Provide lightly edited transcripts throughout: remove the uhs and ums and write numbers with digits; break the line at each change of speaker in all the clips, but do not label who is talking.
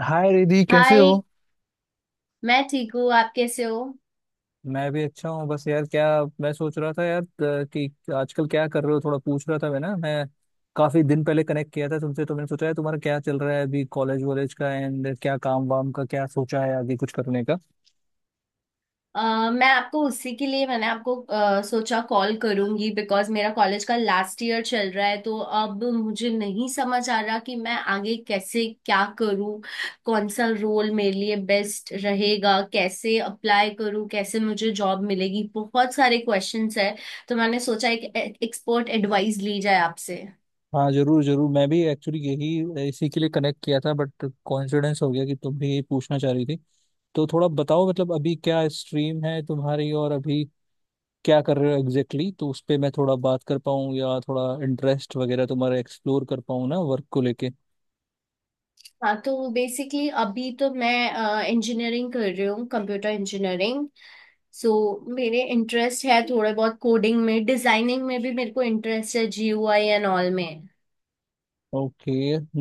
हाय रिधि, कैसे हो।
हाय। मैं ठीक हूँ, आप कैसे हो।
मैं भी अच्छा हूँ। बस यार क्या, मैं सोच रहा था यार, कि आजकल क्या कर रहे हो। थोड़ा पूछ रहा था। मैं काफी दिन पहले कनेक्ट किया था तुमसे, तो मैंने सोचा है तुम्हारा क्या चल रहा है अभी। कॉलेज वॉलेज का एंड क्या, काम वाम का क्या सोचा है आगे कुछ करने का।
मैं आपको उसी के लिए मैंने आपको सोचा कॉल करूंगी बिकॉज मेरा कॉलेज का लास्ट ईयर चल रहा है, तो अब मुझे नहीं समझ आ रहा कि मैं आगे कैसे क्या करूँ, कौन सा रोल मेरे लिए बेस्ट रहेगा, कैसे अप्लाई करूँ, कैसे मुझे जॉब मिलेगी। बहुत सारे क्वेश्चंस है, तो मैंने सोचा एक एक्सपर्ट एडवाइस ली जाए आपसे।
हाँ, जरूर जरूर, मैं भी एक्चुअली यही इसी के लिए कनेक्ट किया था, बट कोइंसिडेंस हो गया कि तुम भी यही पूछना चाह रही थी। तो थोड़ा बताओ, मतलब अभी क्या स्ट्रीम है तुम्हारी, और अभी क्या कर रहे हो एग्जैक्टली तो उस पे मैं थोड़ा बात कर पाऊँ, या थोड़ा इंटरेस्ट वगैरह तुम्हारा एक्सप्लोर कर पाऊँ ना, वर्क को लेके।
हाँ, तो बेसिकली अभी तो मैं इंजीनियरिंग कर रही हूँ, कंप्यूटर इंजीनियरिंग। सो so, मेरे इंटरेस्ट है थोड़े बहुत कोडिंग में, डिजाइनिंग में भी मेरे को इंटरेस्ट है, जीयूआई एंड ऑल में।
ओके।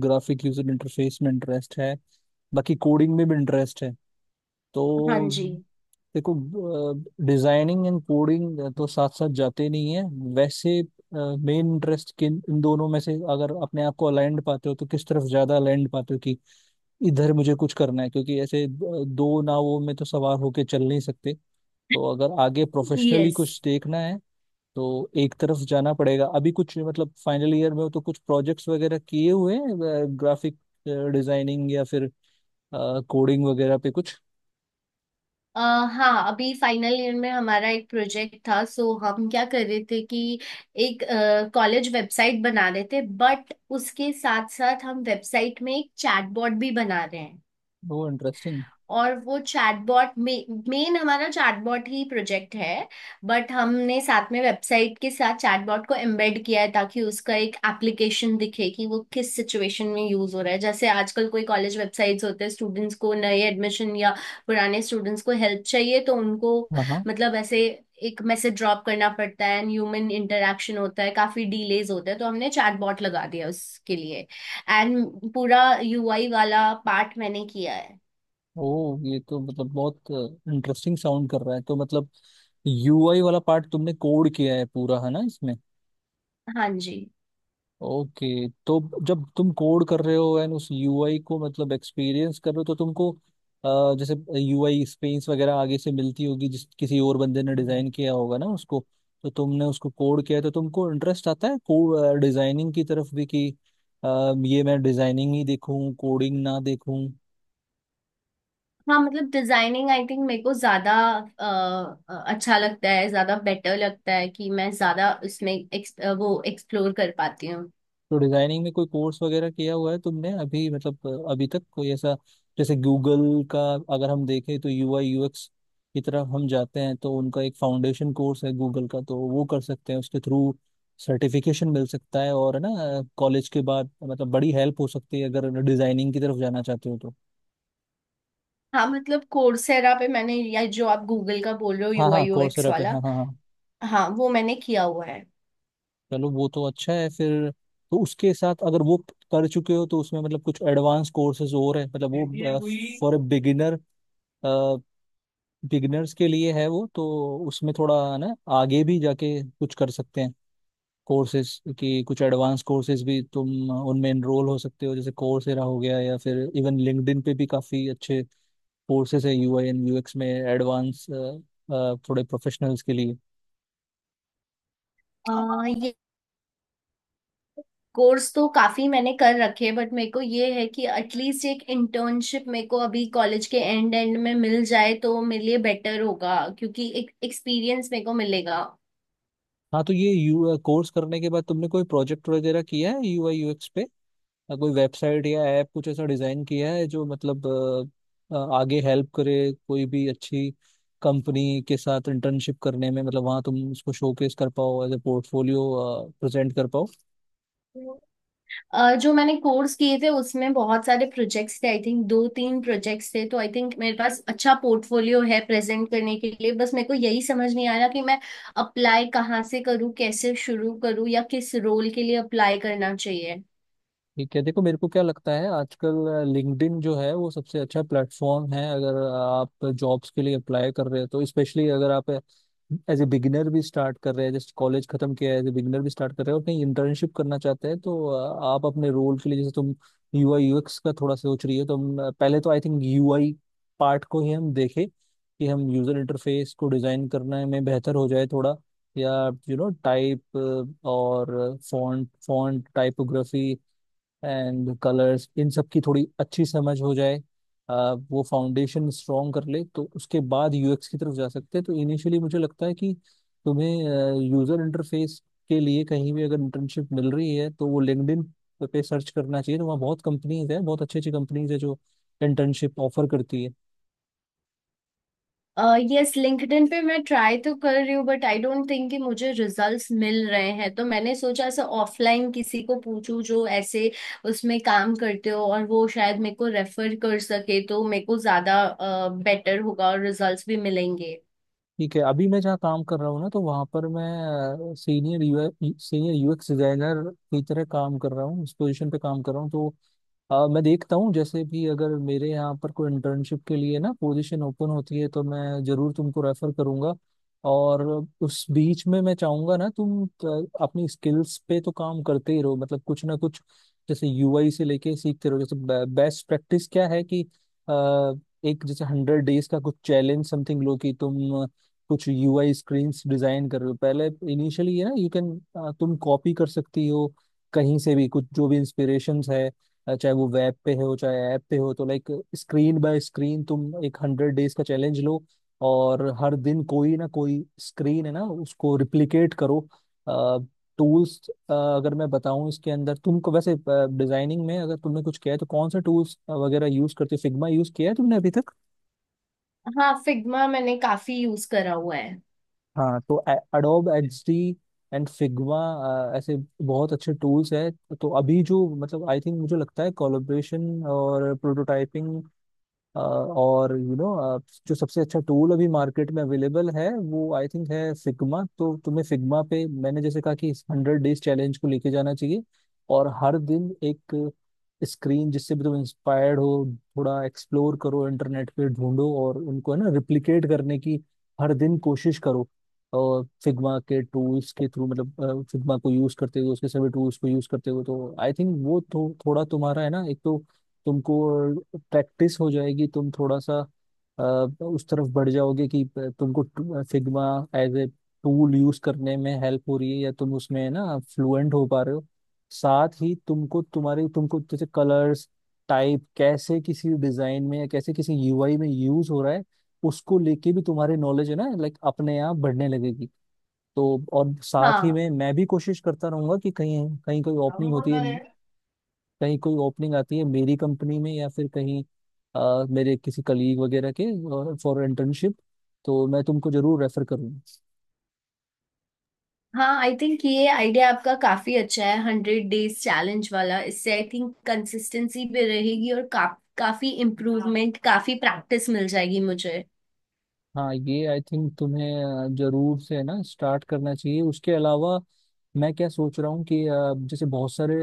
ग्राफिक यूजर इंटरफेस में इंटरेस्ट है, बाकी कोडिंग में भी इंटरेस्ट है तो।
हाँ जी।
देखो, डिजाइनिंग एंड कोडिंग तो साथ साथ जाते नहीं है वैसे। मेन इंटरेस्ट किन, इन दोनों में से अगर अपने आप को अलाइंड पाते हो तो किस तरफ ज्यादा अलाइंड पाते हो कि इधर मुझे कुछ करना है, क्योंकि ऐसे दो नावों में तो सवार होके चल नहीं सकते। तो अगर आगे प्रोफेशनली
यस।
कुछ देखना है तो एक तरफ जाना पड़ेगा। अभी कुछ मतलब फाइनल ईयर में हो तो कुछ प्रोजेक्ट्स वगैरह किए हुए हैं, ग्राफिक डिजाइनिंग या फिर कोडिंग वगैरह पे कुछ।
हाँ, अभी फाइनल ईयर में हमारा एक प्रोजेक्ट था, सो हम क्या कर रहे थे कि एक कॉलेज वेबसाइट बना रहे थे, बट उसके साथ साथ हम वेबसाइट में एक चैटबॉट भी बना रहे हैं।
वो इंटरेस्टिंग।
और वो चैटबॉट, मेन हमारा चैटबॉट ही प्रोजेक्ट है, बट हमने साथ में वेबसाइट के साथ चैटबॉट को एम्बेड किया है ताकि उसका एक एप्लीकेशन दिखे कि वो किस सिचुएशन में यूज हो रहा है। जैसे आजकल कोई कॉलेज वेबसाइट्स होते हैं, स्टूडेंट्स को नए एडमिशन या पुराने स्टूडेंट्स को हेल्प चाहिए तो उनको,
हाँ हाँ।
मतलब ऐसे एक मैसेज ड्रॉप करना पड़ता है एंड ह्यूमन इंटरेक्शन होता है, काफी डिलेज होता है, तो हमने चैटबॉट लगा दिया उसके लिए। एंड पूरा यूआई वाला पार्ट मैंने किया है।
ओ, ये तो मतलब बहुत इंटरेस्टिंग साउंड कर रहा है, तो मतलब यूआई वाला पार्ट तुमने कोड किया है पूरा, है ना इसमें।
हाँ जी।
ओके। तो जब तुम कोड कर रहे हो एंड उस यूआई को मतलब एक्सपीरियंस कर रहे हो, तो तुमको जैसे यूआई स्पेस वगैरह आगे से मिलती होगी, जिस किसी और बंदे ने डिजाइन किया होगा ना उसको, तो तुमने उसको कोड किया है, तो तुमको इंटरेस्ट आता है को डिजाइनिंग की तरफ भी कि ये मैं डिजाइनिंग ही देखूं, कोडिंग ना देखूं।
हाँ, मतलब डिजाइनिंग आई थिंक मेरे को ज्यादा अ, अच्छा लगता है, ज्यादा बेटर लगता है कि मैं ज्यादा इसमें वो एक्सप्लोर कर पाती हूँ।
तो डिजाइनिंग में कोई कोर्स वगैरह किया हुआ है तुमने अभी, मतलब अभी तक कोई ऐसा, जैसे गूगल का अगर हम देखें तो यूआई यूएक्स की तरफ हम जाते हैं तो उनका एक फाउंडेशन कोर्स है गूगल का, तो वो कर सकते हैं उसके थ्रू, सर्टिफिकेशन मिल सकता है, और है ना कॉलेज के बाद मतलब बड़ी हेल्प हो सकती है अगर डिजाइनिंग की तरफ जाना चाहते हो तो।
हाँ मतलब कोर्सेरा पे मैंने, या जो आप गूगल का बोल रहे हो
हाँ
यूआई
हाँ,
यूएक्स
कोर्सेरा पे,
वाला।
हाँ हाँ हाँ।
हाँ, वो मैंने किया हुआ है।
चलो वो तो अच्छा है फिर। तो उसके साथ अगर वो कर चुके हो तो उसमें मतलब कुछ एडवांस कोर्सेज और है, मतलब वो फॉर ए बिगिनर, बिगिनर्स के लिए है वो तो। उसमें थोड़ा ना आगे भी जाके कुछ कर सकते हैं, कोर्सेज की कुछ एडवांस कोर्सेज भी तुम उनमें एनरोल हो सकते हो, जैसे कोर्सेरा हो गया, या फिर इवन लिंक्डइन पे भी काफी अच्छे कोर्सेज है यूआई एंड यूएक्स में, एडवांस थोड़े प्रोफेशनल्स के लिए।
अ, ये कोर्स तो काफी मैंने कर रखे, बट मेरे को ये है कि एटलीस्ट एक इंटर्नशिप मेरे को अभी कॉलेज के एंड एंड में मिल जाए तो मेरे लिए बेटर होगा, क्योंकि एक एक्सपीरियंस मेरे को मिलेगा।
हाँ तो ये यू कोर्स करने के बाद तुमने कोई प्रोजेक्ट वगैरह किया है यूआई यूएक्स पे? या कोई वेबसाइट या ऐप कुछ ऐसा डिजाइन किया है जो मतलब आगे हेल्प करे, कोई भी अच्छी कंपनी के साथ इंटर्नशिप करने में, मतलब वहाँ तुम उसको शोकेस कर पाओ एज ए पोर्टफोलियो, प्रेजेंट कर पाओ।
जो मैंने कोर्स किए थे उसमें बहुत सारे प्रोजेक्ट्स थे, आई थिंक 2-3 प्रोजेक्ट्स थे, तो आई थिंक मेरे पास अच्छा पोर्टफोलियो है प्रेजेंट करने के लिए। बस मेरे को यही समझ नहीं आ रहा कि मैं अप्लाई कहाँ से करूँ, कैसे शुरू करूँ, या किस रोल के लिए अप्लाई करना चाहिए।
ठीक है, देखो मेरे को क्या लगता है, आजकल लिंक्डइन जो है वो सबसे अच्छा प्लेटफॉर्म है अगर आप जॉब्स के लिए अप्लाई कर रहे हो तो, स्पेशली अगर आप एज ए बिगिनर भी स्टार्ट कर रहे हैं, जैसे कॉलेज खत्म किया है एज ए बिगिनर भी स्टार्ट कर रहे हो और कहीं इंटर्नशिप करना चाहते हैं, तो आप अपने रोल के लिए, जैसे तुम यूआई यूएक्स का थोड़ा सोच रही हो तो पहले तो आई थिंक यूआई पार्ट को ही हम देखें कि हम यूजर इंटरफेस को डिजाइन करने में बेहतर हो जाए थोड़ा, या यू नो टाइप, और font font typography and colours, इन सब की थोड़ी अच्छी समझ हो जाए, वो फाउंडेशन स्ट्रॉन्ग कर ले तो उसके बाद यूएक्स की तरफ जा सकते हैं। तो इनिशियली मुझे लगता है कि तुम्हें यूजर इंटरफेस के लिए कहीं भी अगर इंटर्नशिप मिल रही है तो वो लिंक्डइन पे सर्च करना चाहिए, तो वहाँ बहुत कंपनीज है, बहुत अच्छी अच्छी कंपनीज है जो इंटर्नशिप ऑफर करती है।
यस, लिंक्डइन पे मैं ट्राई तो कर रही हूँ, बट आई डोंट थिंक कि मुझे रिजल्ट्स मिल रहे हैं, तो मैंने सोचा ऐसा ऑफलाइन किसी को पूछूं जो ऐसे उसमें काम करते हो, और वो शायद मेरे को रेफर कर सके, तो मेरे को ज्यादा बेटर होगा और रिजल्ट्स भी मिलेंगे।
ठीक है। अभी मैं जहाँ काम कर रहा हूँ ना, तो वहाँ पर मैं सीनियर यूएक्स डिजाइनर की तरह काम कर रहा हूँ, इस पोजीशन पे काम कर रहा हूँ, तो मैं देखता हूँ जैसे भी अगर मेरे यहाँ पर कोई इंटर्नशिप के लिए ना पोजीशन ओपन होती है तो मैं जरूर तुमको रेफर करूँगा, और उस बीच में मैं चाहूंगा ना तुम अपनी स्किल्स पे तो काम करते ही रहो, मतलब कुछ ना कुछ जैसे यूआई से लेके सीखते रहो। जैसे बेस्ट प्रैक्टिस क्या है कि अ, एक जैसे 100 डेज का कुछ चैलेंज समथिंग लो, कि तुम कुछ यूआई स्क्रीन्स डिजाइन कर रहे हो पहले इनिशियली, ये ना यू कैन तुम कॉपी कर सकती हो कहीं से भी कुछ जो भी इंस्पिरेशंस है, चाहे वो वेब पे हो चाहे ऐप पे हो, तो लाइक स्क्रीन बाय स्क्रीन तुम एक 100 डेज का चैलेंज लो, और हर दिन कोई ना कोई स्क्रीन है ना उसको रिप्लिकेट करो। टूल्स अगर मैं बताऊं इसके अंदर तुमको, वैसे डिजाइनिंग में अगर तुमने कुछ किया है तो कौन सा टूल्स वगैरह यूज करते हो? फिग्मा यूज किया है तुमने अभी तक?
हाँ, फिग्मा मैंने काफी यूज करा हुआ है।
हाँ तो एडोब एक्सडी एंड फिग्मा ऐसे बहुत अच्छे टूल्स हैं। तो अभी जो मतलब आई थिंक मुझे लगता है, कोलैबोरेशन और प्रोटोटाइपिंग, और यू you नो जो सबसे अच्छा टूल अभी मार्केट में अवेलेबल है वो आई थिंक है फिग्मा। तो तुम्हें फिग्मा पे मैंने जैसे कहा कि इस 100 डेज चैलेंज को लेके जाना चाहिए, और हर दिन एक स्क्रीन जिससे भी तुम इंस्पायर्ड हो थोड़ा एक्सप्लोर करो, इंटरनेट पे ढूंढो, और उनको है ना रिप्लिकेट करने की हर दिन कोशिश करो, और फिग्मा के टूल्स के थ्रू, मतलब फिग्मा को यूज करते हुए उसके सभी टूल्स को यूज करते हुए, तो आई थिंक वो थोड़ा तुम्हारा है ना, एक तो तुमको प्रैक्टिस हो जाएगी, तुम थोड़ा सा अ, उस तरफ बढ़ जाओगे कि तुमको Figma as a tool use करने में हेल्प हो रही है या तुम उसमें ना फ्लुएंट हो पा रहे हो। साथ ही तुमको जैसे कलर्स टाइप कैसे किसी डिजाइन में या कैसे किसी यूआई में यूज हो रहा है, उसको लेके भी तुम्हारी नॉलेज है ना लाइक अपने आप बढ़ने लगेगी। तो और साथ ही
हाँ।
में मैं भी कोशिश करता रहूंगा कि कहीं कहीं कोई ओपनिंग होती है, कहीं कोई ओपनिंग आती है मेरी कंपनी में, या फिर कहीं मेरे किसी कलीग वगैरह के फॉर इंटर्नशिप, तो मैं तुमको जरूर रेफर करूंगा।
हाँ, आई थिंक ये आइडिया आपका काफी अच्छा है, 100 डेज चैलेंज वाला। इससे आई थिंक कंसिस्टेंसी भी रहेगी और काफी इम्प्रूवमेंट, काफी प्रैक्टिस मिल जाएगी मुझे।
हाँ, ये आई थिंक तुम्हें जरूर से है ना स्टार्ट करना चाहिए। उसके अलावा मैं क्या सोच रहा हूँ कि जैसे बहुत सारे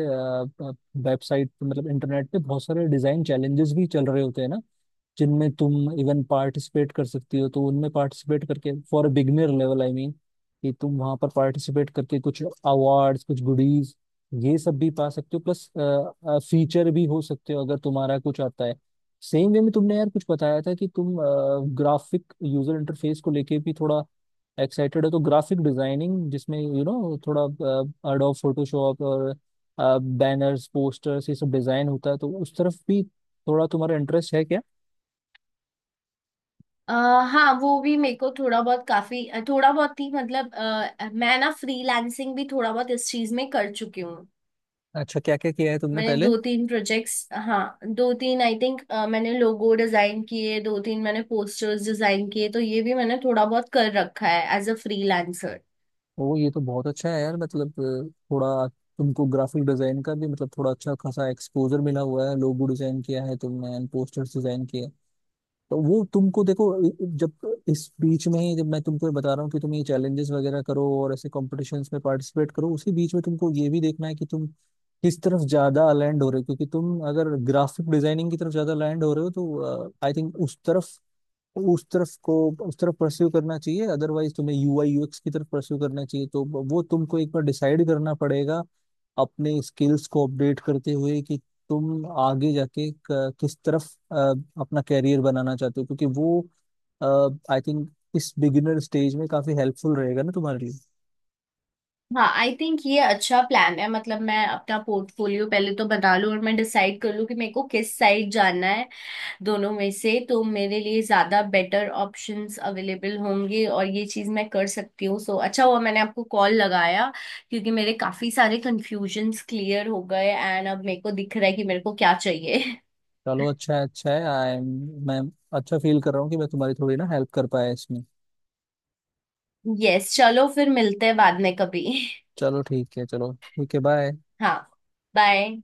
वेबसाइट, मतलब इंटरनेट पे बहुत सारे डिजाइन चैलेंजेस भी चल रहे होते हैं ना, जिनमें तुम इवन पार्टिसिपेट कर सकती हो। तो उनमें पार्टिसिपेट करके for beginner level, I mean कि तुम वहां पर पार्टिसिपेट करके कुछ अवार्ड्स, कुछ गुडीज ये सब भी पा सकते हो, प्लस फीचर भी हो सकते हो अगर तुम्हारा कुछ आता है। सेम वे में तुमने यार कुछ बताया था कि तुम ग्राफिक यूजर इंटरफेस को लेके भी थोड़ा एक्साइटेड है, तो ग्राफिक डिजाइनिंग जिसमें यू you नो know, थोड़ा एडोब फोटोशॉप और बैनर्स पोस्टर्स ये सब डिजाइन होता है, तो उस तरफ भी थोड़ा तुम्हारा इंटरेस्ट है क्या?
अ, हाँ, वो भी मेरे को थोड़ा बहुत, काफी थोड़ा बहुत ही मतलब, मैं ना फ्रीलांसिंग भी थोड़ा बहुत इस चीज में कर चुकी हूँ।
अच्छा, क्या क्या किया है तुमने
मैंने
पहले?
2-3 प्रोजेक्ट्स, हाँ 2-3 आई थिंक, मैंने लोगो डिजाइन किए 2-3, मैंने पोस्टर्स डिजाइन किए। तो ये भी मैंने थोड़ा बहुत कर रखा है एज अ फ्रीलांसर।
ओ ये तो बहुत अच्छा है यार, मतलब थोड़ा तुमको ग्राफिक डिजाइन का भी मतलब थोड़ा अच्छा खासा एक्सपोजर मिला हुआ है, लोगो डिजाइन किया है तुमने एंड पोस्टर्स डिजाइन किया है। तो वो तुमको देखो, जब इस बीच में ही जब मैं तुमको बता रहा हूँ कि तुम ये चैलेंजेस वगैरह करो और ऐसे कॉम्पिटिशन्स में पार्टिसिपेट करो, उसी बीच में तुमको ये भी देखना है कि तुम किस तरफ ज्यादा लैंड हो रहे हो, क्योंकि तुम अगर ग्राफिक डिजाइनिंग की तरफ ज्यादा लैंड हो रहे हो तो आई थिंक उस तरफ को उस तरफ परस्यू करना चाहिए, अदरवाइज तुम्हें यूआई यूएक्स की तरफ परस्यू करना चाहिए। तो वो तुमको एक बार डिसाइड करना पड़ेगा, अपने स्किल्स को अपडेट करते हुए, कि तुम आगे जाके किस तरफ अपना कैरियर बनाना चाहते हो, क्योंकि वो आई थिंक इस बिगिनर स्टेज में काफी हेल्पफुल रहेगा ना तुम्हारे लिए।
हाँ, आई थिंक ये अच्छा प्लान है, मतलब मैं अपना पोर्टफोलियो पहले तो बना लूँ और मैं डिसाइड कर लूँ कि मेरे को किस साइड जाना है, दोनों में से, तो मेरे लिए ज्यादा बेटर ऑप्शंस अवेलेबल होंगे और ये चीज मैं कर सकती हूँ। सो अच्छा हुआ मैंने आपको कॉल लगाया, क्योंकि मेरे काफी सारे कंफ्यूजन्स क्लियर हो गए, एंड अब मेरे को दिख रहा है कि मेरे को क्या चाहिए।
चलो अच्छा है, अच्छा है। आई एम मैं अच्छा फील कर रहा हूँ कि मैं तुम्हारी थोड़ी ना हेल्प कर पाया इसमें।
यस, चलो फिर मिलते हैं बाद में कभी।
चलो ठीक है, चलो ठीक है, बाय।
हाँ, बाय।